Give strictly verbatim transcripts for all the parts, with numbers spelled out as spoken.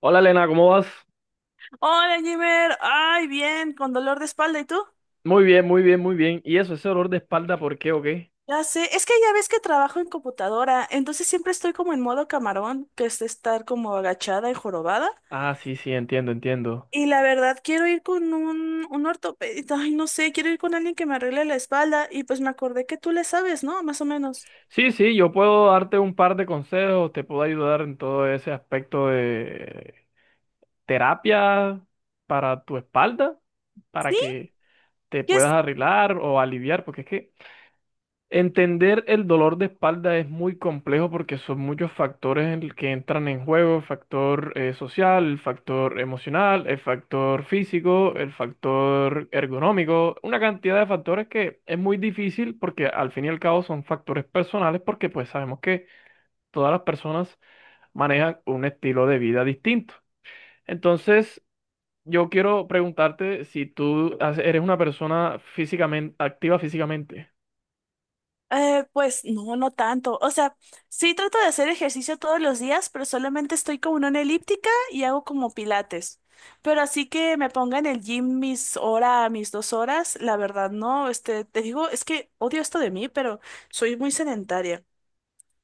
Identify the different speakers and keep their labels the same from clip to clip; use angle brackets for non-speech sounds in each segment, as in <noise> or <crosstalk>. Speaker 1: Hola Elena, ¿cómo vas?
Speaker 2: Hola, Jimmer. Ay, bien, con dolor de espalda. ¿Y tú?
Speaker 1: Muy bien, muy bien, muy bien. ¿Y eso, ese dolor de espalda, por qué o qué?
Speaker 2: Ya sé. Es que ya ves que trabajo en computadora, entonces siempre estoy como en modo camarón, que es estar como agachada y jorobada.
Speaker 1: Ah, sí, sí, entiendo, entiendo.
Speaker 2: Y la verdad, quiero ir con un, un ortopedista. Ay, no sé, quiero ir con alguien que me arregle la espalda. Y pues me acordé que tú le sabes, ¿no? Más o menos.
Speaker 1: Sí, sí, yo puedo darte un par de consejos, te puedo ayudar en todo ese aspecto de terapia para tu espalda, para
Speaker 2: ¿Sí?
Speaker 1: que te
Speaker 2: ¿Qué?
Speaker 1: puedas arreglar o aliviar, porque es que entender el dolor de espalda es muy complejo porque son muchos factores en el que entran en juego, el factor eh, social, el factor emocional, el factor físico, el factor ergonómico, una cantidad de factores que es muy difícil porque al fin y al cabo son factores personales porque pues sabemos que todas las personas manejan un estilo de vida distinto. Entonces, yo quiero preguntarte si tú has- eres una persona físicamente activa físicamente.
Speaker 2: Eh, pues no, no tanto. O sea, sí trato de hacer ejercicio todos los días, pero solamente estoy como en una elíptica y hago como pilates. Pero así que me ponga en el gym mis hora, mis dos horas, la verdad no. Este, te digo, es que odio esto de mí, pero soy muy sedentaria.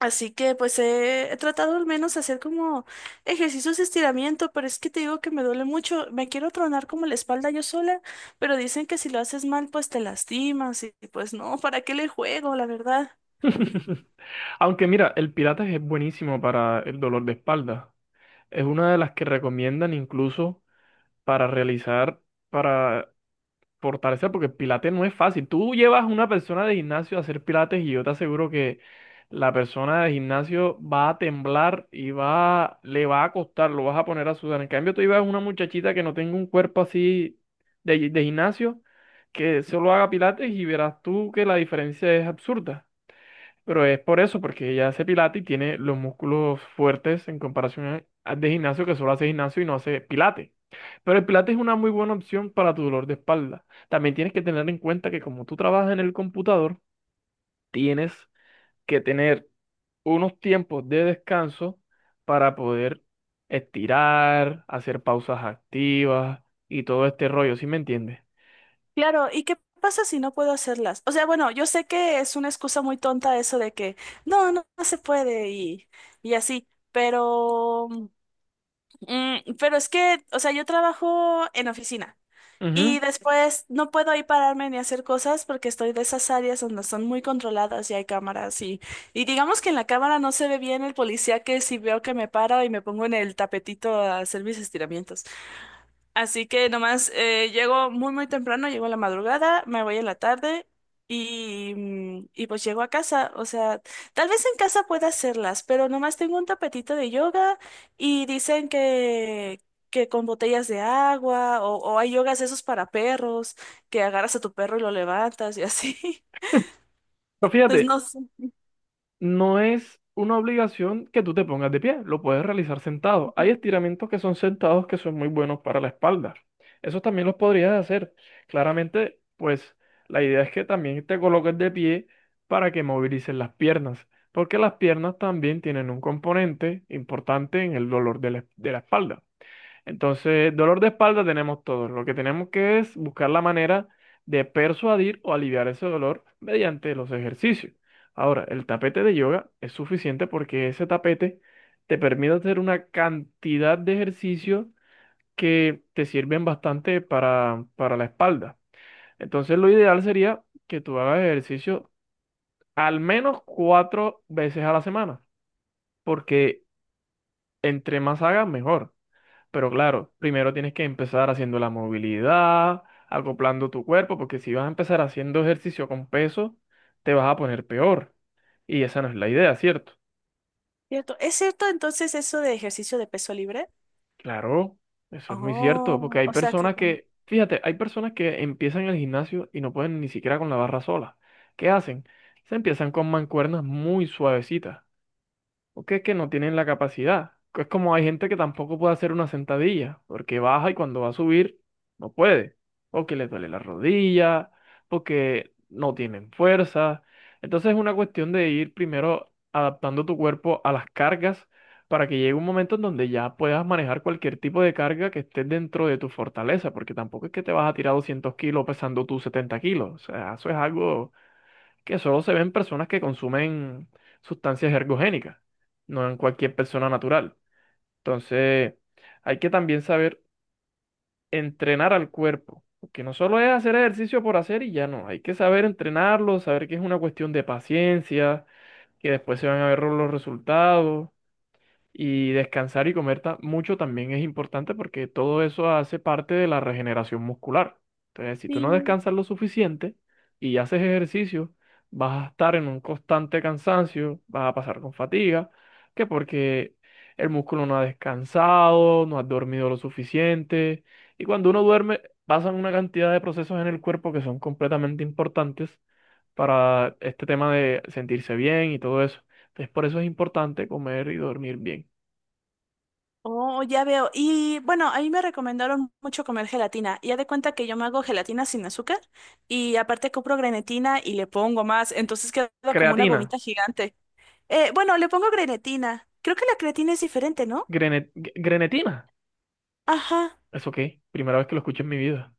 Speaker 2: Así que pues he, he tratado al menos hacer como ejercicios de estiramiento, pero es que te digo que me duele mucho. Me quiero tronar como la espalda yo sola, pero dicen que si lo haces mal, pues te lastimas y pues no, ¿para qué le juego, la verdad?
Speaker 1: <laughs> Aunque mira, el Pilates es buenísimo para el dolor de espalda. Es una de las que recomiendan incluso para realizar, para fortalecer, porque el Pilates no es fácil. Tú llevas a una persona de gimnasio a hacer Pilates y yo te aseguro que la persona de gimnasio va a temblar y va, le va a costar, lo vas a poner a sudar. En cambio, tú llevas a una muchachita que no tenga un cuerpo así de, gi- de gimnasio, que solo haga Pilates y verás tú que la diferencia es absurda. Pero es por eso, porque ella hace pilates y tiene los músculos fuertes en comparación a- de gimnasio, que solo hace gimnasio y no hace pilates. Pero el pilates es una muy buena opción para tu dolor de espalda. También tienes que tener en cuenta que como tú trabajas en el computador, tienes que tener unos tiempos de descanso para poder estirar, hacer pausas activas y todo este rollo, ¿sí me entiendes?
Speaker 2: Claro, ¿y qué pasa si no puedo hacerlas? O sea, bueno, yo sé que es una excusa muy tonta eso de que no, no, no se puede y, y así, pero, mm, pero es que, o sea, yo trabajo en oficina
Speaker 1: Ujú.
Speaker 2: y después no puedo ahí pararme ni hacer cosas porque estoy de esas áreas donde son muy controladas y hay cámaras y, y digamos que en la cámara no se ve bien el policía que si veo que me paro y me pongo en el tapetito a hacer mis estiramientos. Así que nomás eh, llego muy muy temprano, llego a la madrugada, me voy en la tarde y, mm, y pues llego a casa. O sea, tal vez en casa pueda hacerlas, pero nomás tengo un tapetito de yoga y dicen que, que con botellas de agua o, o hay yogas esos para perros, que agarras a tu perro y lo levantas y así. <laughs>
Speaker 1: Pero
Speaker 2: Entonces
Speaker 1: fíjate,
Speaker 2: no sé.
Speaker 1: no es una obligación que tú te pongas de pie, lo puedes realizar sentado. Hay estiramientos que son sentados que son muy buenos para la espalda. Eso también los podrías hacer. Claramente, pues la idea es que también te coloques de pie para que movilices las piernas, porque las piernas también tienen un componente importante en el dolor de la de la espalda. Entonces, dolor de espalda tenemos todos. Lo que tenemos que es buscar la manera de persuadir o aliviar ese dolor mediante los ejercicios. Ahora, el tapete de yoga es suficiente porque ese tapete te permite hacer una cantidad de ejercicios que te sirven bastante para, para la espalda. Entonces, lo ideal sería que tú hagas ejercicio al menos cuatro veces a la semana, porque entre más hagas, mejor. Pero claro, primero tienes que empezar haciendo la movilidad, acoplando tu cuerpo, porque si vas a empezar haciendo ejercicio con peso, te vas a poner peor. Y esa no es la idea, ¿cierto?
Speaker 2: ¿Cierto? ¿Es cierto entonces eso de ejercicio de peso libre?
Speaker 1: Claro, eso es muy cierto, porque
Speaker 2: Oh,
Speaker 1: hay
Speaker 2: o sea que
Speaker 1: personas
Speaker 2: con...
Speaker 1: que, fíjate, hay personas que empiezan el gimnasio y no pueden ni siquiera con la barra sola. ¿Qué hacen? Se empiezan con mancuernas muy suavecitas, porque es que no tienen la capacidad. Es como hay gente que tampoco puede hacer una sentadilla, porque baja y cuando va a subir no puede, o que les duele la rodilla, porque no tienen fuerza. Entonces es una cuestión de ir primero adaptando tu cuerpo a las cargas para que llegue un momento en donde ya puedas manejar cualquier tipo de carga que esté dentro de tu fortaleza, porque tampoco es que te vas a tirar doscientos kilos pesando tus setenta kilos, o sea, eso es algo que solo se ve en personas que consumen sustancias ergogénicas, no en cualquier persona natural. Entonces, hay que también saber entrenar al cuerpo, porque no solo es hacer ejercicio por hacer y ya no, hay que saber entrenarlo, saber que es una cuestión de paciencia, que después se van a ver los resultados. Y descansar y comer ta- mucho también es importante porque todo eso hace parte de la regeneración muscular. Entonces, si tú no
Speaker 2: Sí.
Speaker 1: descansas lo suficiente y haces ejercicio, vas a estar en un constante cansancio, vas a pasar con fatiga, que porque el músculo no ha descansado, no has dormido lo suficiente. Y cuando uno duerme, pasan una cantidad de procesos en el cuerpo que son completamente importantes para este tema de sentirse bien y todo eso. Entonces, por eso es importante comer y dormir bien.
Speaker 2: Oh, ya veo. Y bueno, a mí me recomendaron mucho comer gelatina. Ya de cuenta que yo me hago gelatina sin azúcar y aparte compro grenetina y le pongo más, entonces queda como una
Speaker 1: Creatina.
Speaker 2: gomita gigante. Eh, bueno, le pongo grenetina. Creo que la creatina es diferente, ¿no?
Speaker 1: Grene- Grenetina.
Speaker 2: Ajá.
Speaker 1: ¿Eso qué? Primera vez que lo escucho en mi vida.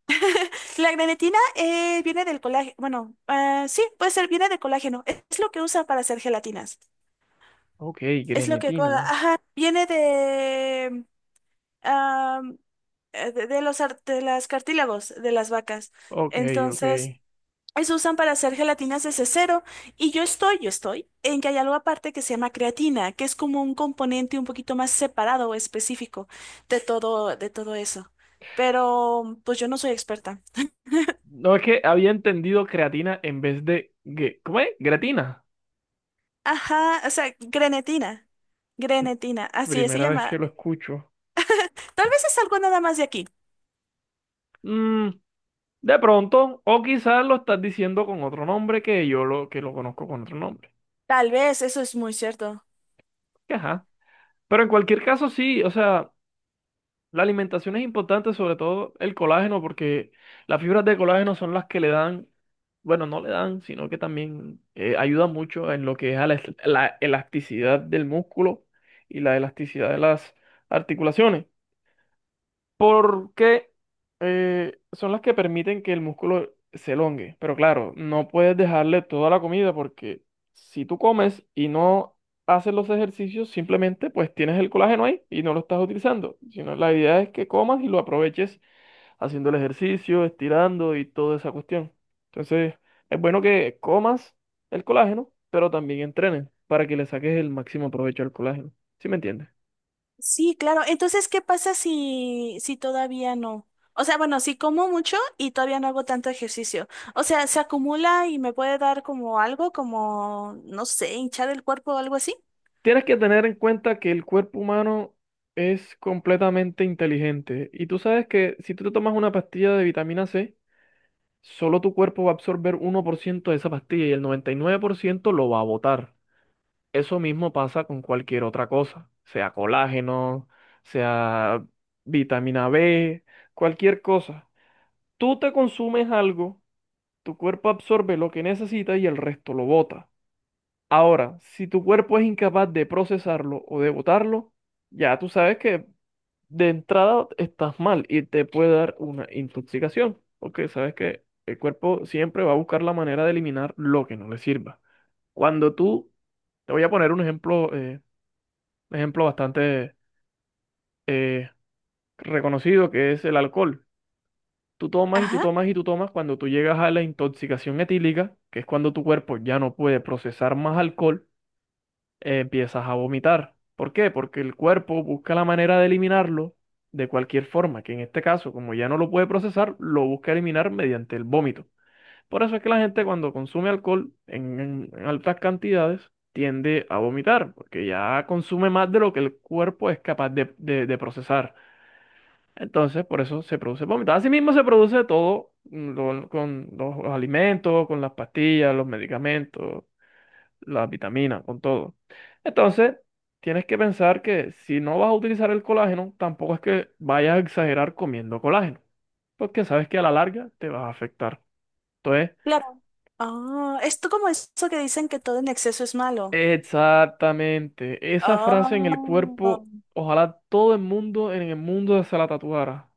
Speaker 2: La grenetina eh, viene del colágeno. Bueno, ah, sí, puede ser, viene del colágeno. Es es lo que usan para hacer gelatinas.
Speaker 1: Ok,
Speaker 2: Es lo que cola.
Speaker 1: grenetina.
Speaker 2: Ajá. Viene de, ah, eh, de, de los ar- de las cartílagos de las vacas.
Speaker 1: Ok, ok.
Speaker 2: Entonces, se usan para hacer gelatinas desde cero. Y yo estoy, yo estoy, en que hay algo aparte que se llama creatina, que es como un componente un poquito más separado o específico de todo, de todo eso. Pero pues yo no soy experta.
Speaker 1: No, es que había entendido creatina en vez de gue- ¿cómo es? Gratina.
Speaker 2: Ajá, o sea, grenetina.
Speaker 1: Pr-
Speaker 2: Grenetina, así es, se
Speaker 1: Primera vez
Speaker 2: llama.
Speaker 1: que lo escucho.
Speaker 2: Tal vez es algo nada más de aquí.
Speaker 1: Mm, de pronto, o quizás lo estás diciendo con otro nombre que yo lo, que lo conozco con otro nombre.
Speaker 2: Tal vez, eso es muy cierto.
Speaker 1: Que ajá. Pero en cualquier caso, sí, o sea, la alimentación es importante, sobre todo el colágeno, porque las fibras de colágeno son las que le dan, bueno, no le dan, sino que también eh, ayudan mucho en lo que es a la, la elasticidad del músculo y la elasticidad de las articulaciones porque eh, son las que permiten que el músculo se elongue. Pero claro, no puedes dejarle toda la comida porque si tú comes y no haces los ejercicios, simplemente pues tienes el colágeno ahí y no lo estás utilizando. Sino la idea es que comas y lo aproveches haciendo el ejercicio, estirando y toda esa cuestión. Entonces, es bueno que comas el colágeno, pero también entrenes para que le saques el máximo provecho al colágeno. ¿Sí me entiendes?
Speaker 2: Sí, claro. Entonces, ¿qué pasa si, si todavía no? O sea, bueno, si como mucho y todavía no hago tanto ejercicio. O sea, ¿se acumula y me puede dar como algo, como, no sé, hinchar el cuerpo o algo así?
Speaker 1: Tienes que tener en cuenta que el cuerpo humano es completamente inteligente y tú sabes que si tú te tomas una pastilla de vitamina C, solo tu cuerpo va a absorber uno por ciento de esa pastilla y el noventa y nueve por ciento lo va a botar. Eso mismo pasa con cualquier otra cosa, sea colágeno, sea vitamina B, cualquier cosa. Tú te consumes algo, tu cuerpo absorbe lo que necesita y el resto lo bota. Ahora, si tu cuerpo es incapaz de procesarlo o de botarlo, ya tú sabes que de entrada estás mal y te puede dar una intoxicación, porque sabes que el cuerpo siempre va a buscar la manera de eliminar lo que no le sirva. Cuando tú, te voy a poner un ejemplo, eh, un ejemplo bastante eh, reconocido que es el alcohol. Tú tomas y tú
Speaker 2: Ajá,
Speaker 1: tomas y tú tomas, cuando tú llegas a la intoxicación etílica, que es cuando tu cuerpo ya no puede procesar más alcohol, eh, empiezas a vomitar. ¿Por qué? Porque el cuerpo busca la manera de eliminarlo de cualquier forma, que en este caso, como ya no lo puede procesar, lo busca eliminar mediante el vómito. Por eso es que la gente cuando consume alcohol en, en- en altas cantidades tiende a vomitar, porque ya consume más de lo que el cuerpo es capaz de, de- de procesar. Entonces, por eso se produce vómito. Asimismo, se produce todo mm, lo- con los alimentos, con las pastillas, los medicamentos, las vitaminas, con todo. Entonces, tienes que pensar que si no vas a utilizar el colágeno, tampoco es que vayas a exagerar comiendo colágeno, porque sabes que a la larga te vas a afectar. Entonces,
Speaker 2: claro. Ah, esto como eso que dicen que todo en exceso es malo.
Speaker 1: exactamente, esa frase en el cuerpo,
Speaker 2: Oh.
Speaker 1: ojalá todo el mundo en el mundo se la tatuara.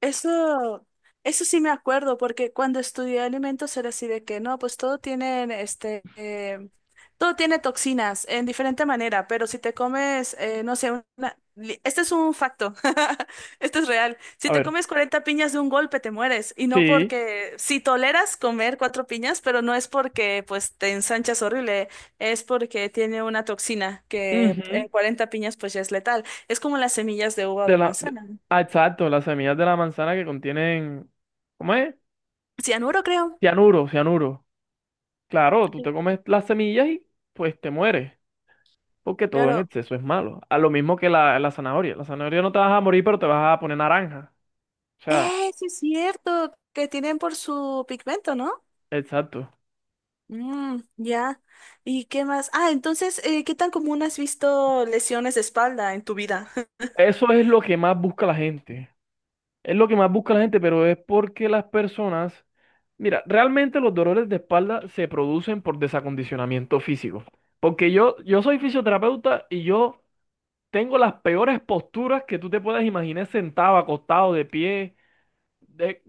Speaker 2: Eso, eso sí me acuerdo, porque cuando estudié alimentos era así de que no, pues todo tiene este, eh, todo tiene toxinas en diferente manera, pero si te comes, eh, no sé, una, li- este es un facto, <laughs> esto es real. Si
Speaker 1: A
Speaker 2: te
Speaker 1: ver,
Speaker 2: comes cuarenta piñas de un golpe te mueres, y no
Speaker 1: sí,
Speaker 2: porque, si toleras comer cuatro piñas, pero no es porque pues te ensanchas horrible, es porque tiene una toxina que
Speaker 1: ujú,
Speaker 2: en cuarenta piñas pues ya es letal. Es como las semillas de uva o
Speaker 1: de
Speaker 2: de
Speaker 1: la, de-
Speaker 2: manzana.
Speaker 1: ah, exacto, las semillas de la manzana que contienen, ¿cómo es?
Speaker 2: Cianuro, creo.
Speaker 1: Cianuro, cianuro. Claro, tú te comes las semillas y pues te mueres. Porque todo en
Speaker 2: Claro.
Speaker 1: exceso es malo. A lo mismo que la, la zanahoria. La zanahoria no te vas a morir, pero te vas a poner naranja. O sea,
Speaker 2: ¡Eh, sí es cierto! Que tienen por su pigmento, ¿no?
Speaker 1: exacto.
Speaker 2: Mm, ya. ¿Y qué más? Ah, entonces, eh, ¿qué tan común has visto lesiones de espalda en tu vida? <laughs>
Speaker 1: Eso es lo que más busca la gente. Es lo que más busca la gente, pero es porque las personas, mira, realmente los dolores de espalda se producen por desacondicionamiento físico. Porque yo, yo soy fisioterapeuta y yo tengo las peores posturas que tú te puedas imaginar sentado, acostado, de pie. de-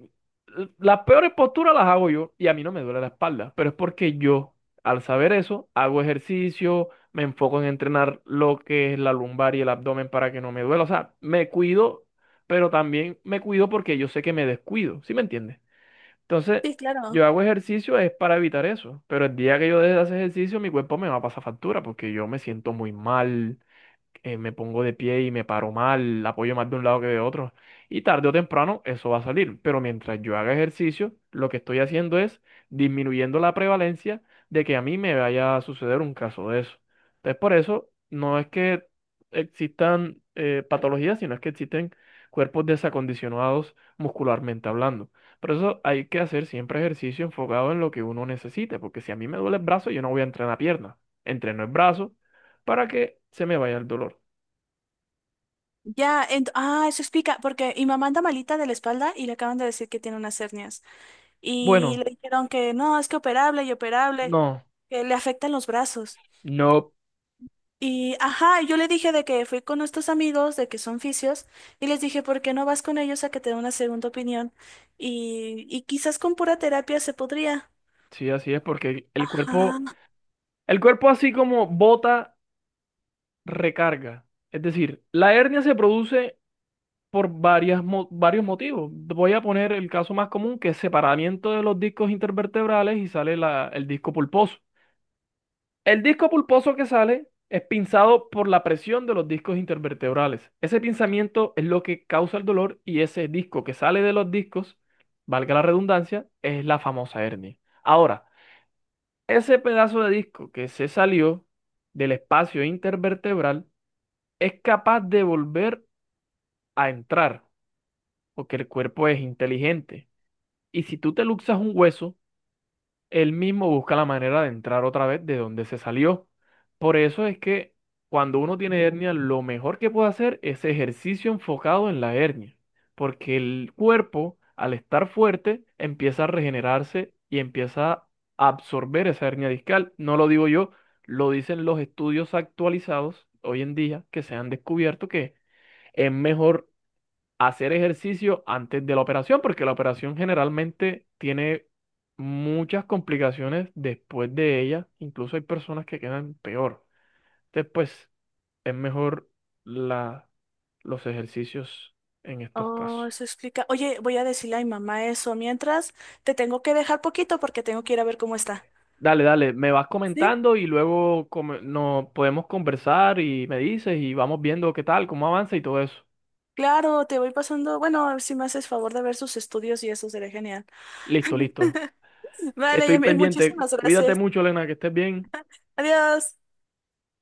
Speaker 1: las peores posturas las hago yo y a mí no me duele la espalda, pero es porque yo, al saber eso, hago ejercicio, me enfoco en entrenar lo que es la lumbar y el abdomen para que no me duela. O sea, me cuido, pero también me cuido porque yo sé que me descuido, ¿sí me entiendes? Entonces,
Speaker 2: Sí, claro.
Speaker 1: yo hago ejercicio es para evitar eso, pero el día que yo deje de hacer ejercicio, mi cuerpo me va a pasar factura porque yo me siento muy mal, eh, me pongo de pie y me paro mal, apoyo más de un lado que de otro. Y tarde o temprano eso va a salir. Pero mientras yo haga ejercicio, lo que estoy haciendo es disminuyendo la prevalencia de que a mí me vaya a suceder un caso de eso. Entonces, por eso no es que existan eh, patologías, sino es que existen cuerpos desacondicionados muscularmente hablando. Por eso hay que hacer siempre ejercicio enfocado en lo que uno necesite, porque si a mí me duele el brazo, yo no voy a entrenar pierna. Entreno el brazo para que se me vaya el dolor.
Speaker 2: Ya, ent- ah, eso explica, porque mi mamá anda malita de la espalda y le acaban de decir que tiene unas hernias. Y
Speaker 1: Bueno,
Speaker 2: le dijeron que no, es que operable y operable,
Speaker 1: no,
Speaker 2: que le afectan los brazos.
Speaker 1: no,
Speaker 2: Y, ajá, yo le dije de que fui con estos amigos, de que son fisios, y les dije, ¿por qué no vas con ellos a que te den una segunda opinión? Y, y quizás con pura terapia se podría.
Speaker 1: sí, así es, porque el el cuerpo,
Speaker 2: Ajá.
Speaker 1: el cuerpo así como bota, recarga. Es decir, la hernia se produce por varias, mo- varios motivos. Voy a poner el caso más común, que es separamiento de los discos intervertebrales y sale la- el disco pulposo. El disco pulposo que sale es pinzado por la presión de los discos intervertebrales. Ese pinzamiento es lo que causa el dolor y ese disco que sale de los discos, valga la redundancia, es la famosa hernia. Ahora, ese pedazo de disco que se salió del espacio intervertebral es capaz de volver a entrar, porque el cuerpo es inteligente. Y si tú te luxas un hueso, él mismo busca la manera de entrar otra vez de donde se salió. Por eso es que cuando uno tiene hernia, lo mejor que puede hacer es ejercicio enfocado en la hernia, porque el cuerpo, al estar fuerte, empieza a regenerarse y empieza a absorber esa hernia discal. No lo digo yo, lo dicen los estudios actualizados hoy en día que se han descubierto que es mejor hacer ejercicio antes de la operación, porque la operación generalmente tiene muchas complicaciones después de ella, incluso hay personas que quedan peor. Después es mejor la, los ejercicios en estos
Speaker 2: Oh,
Speaker 1: casos.
Speaker 2: eso explica. Oye, voy a decirle a mi mamá eso. Mientras, te tengo que dejar poquito porque tengo que ir a ver cómo está.
Speaker 1: Dale, dale, me vas
Speaker 2: Sí,
Speaker 1: comentando y luego come- nos podemos conversar y me dices y vamos viendo qué tal, cómo avanza y todo eso.
Speaker 2: claro, te voy pasando. Bueno, si me haces favor de ver sus estudios y eso sería genial.
Speaker 1: Listo, listo.
Speaker 2: <laughs> Vale,
Speaker 1: Estoy
Speaker 2: Yamil,
Speaker 1: pendiente.
Speaker 2: muchísimas
Speaker 1: Cuídate
Speaker 2: gracias.
Speaker 1: mucho, Elena, que estés bien.
Speaker 2: Adiós.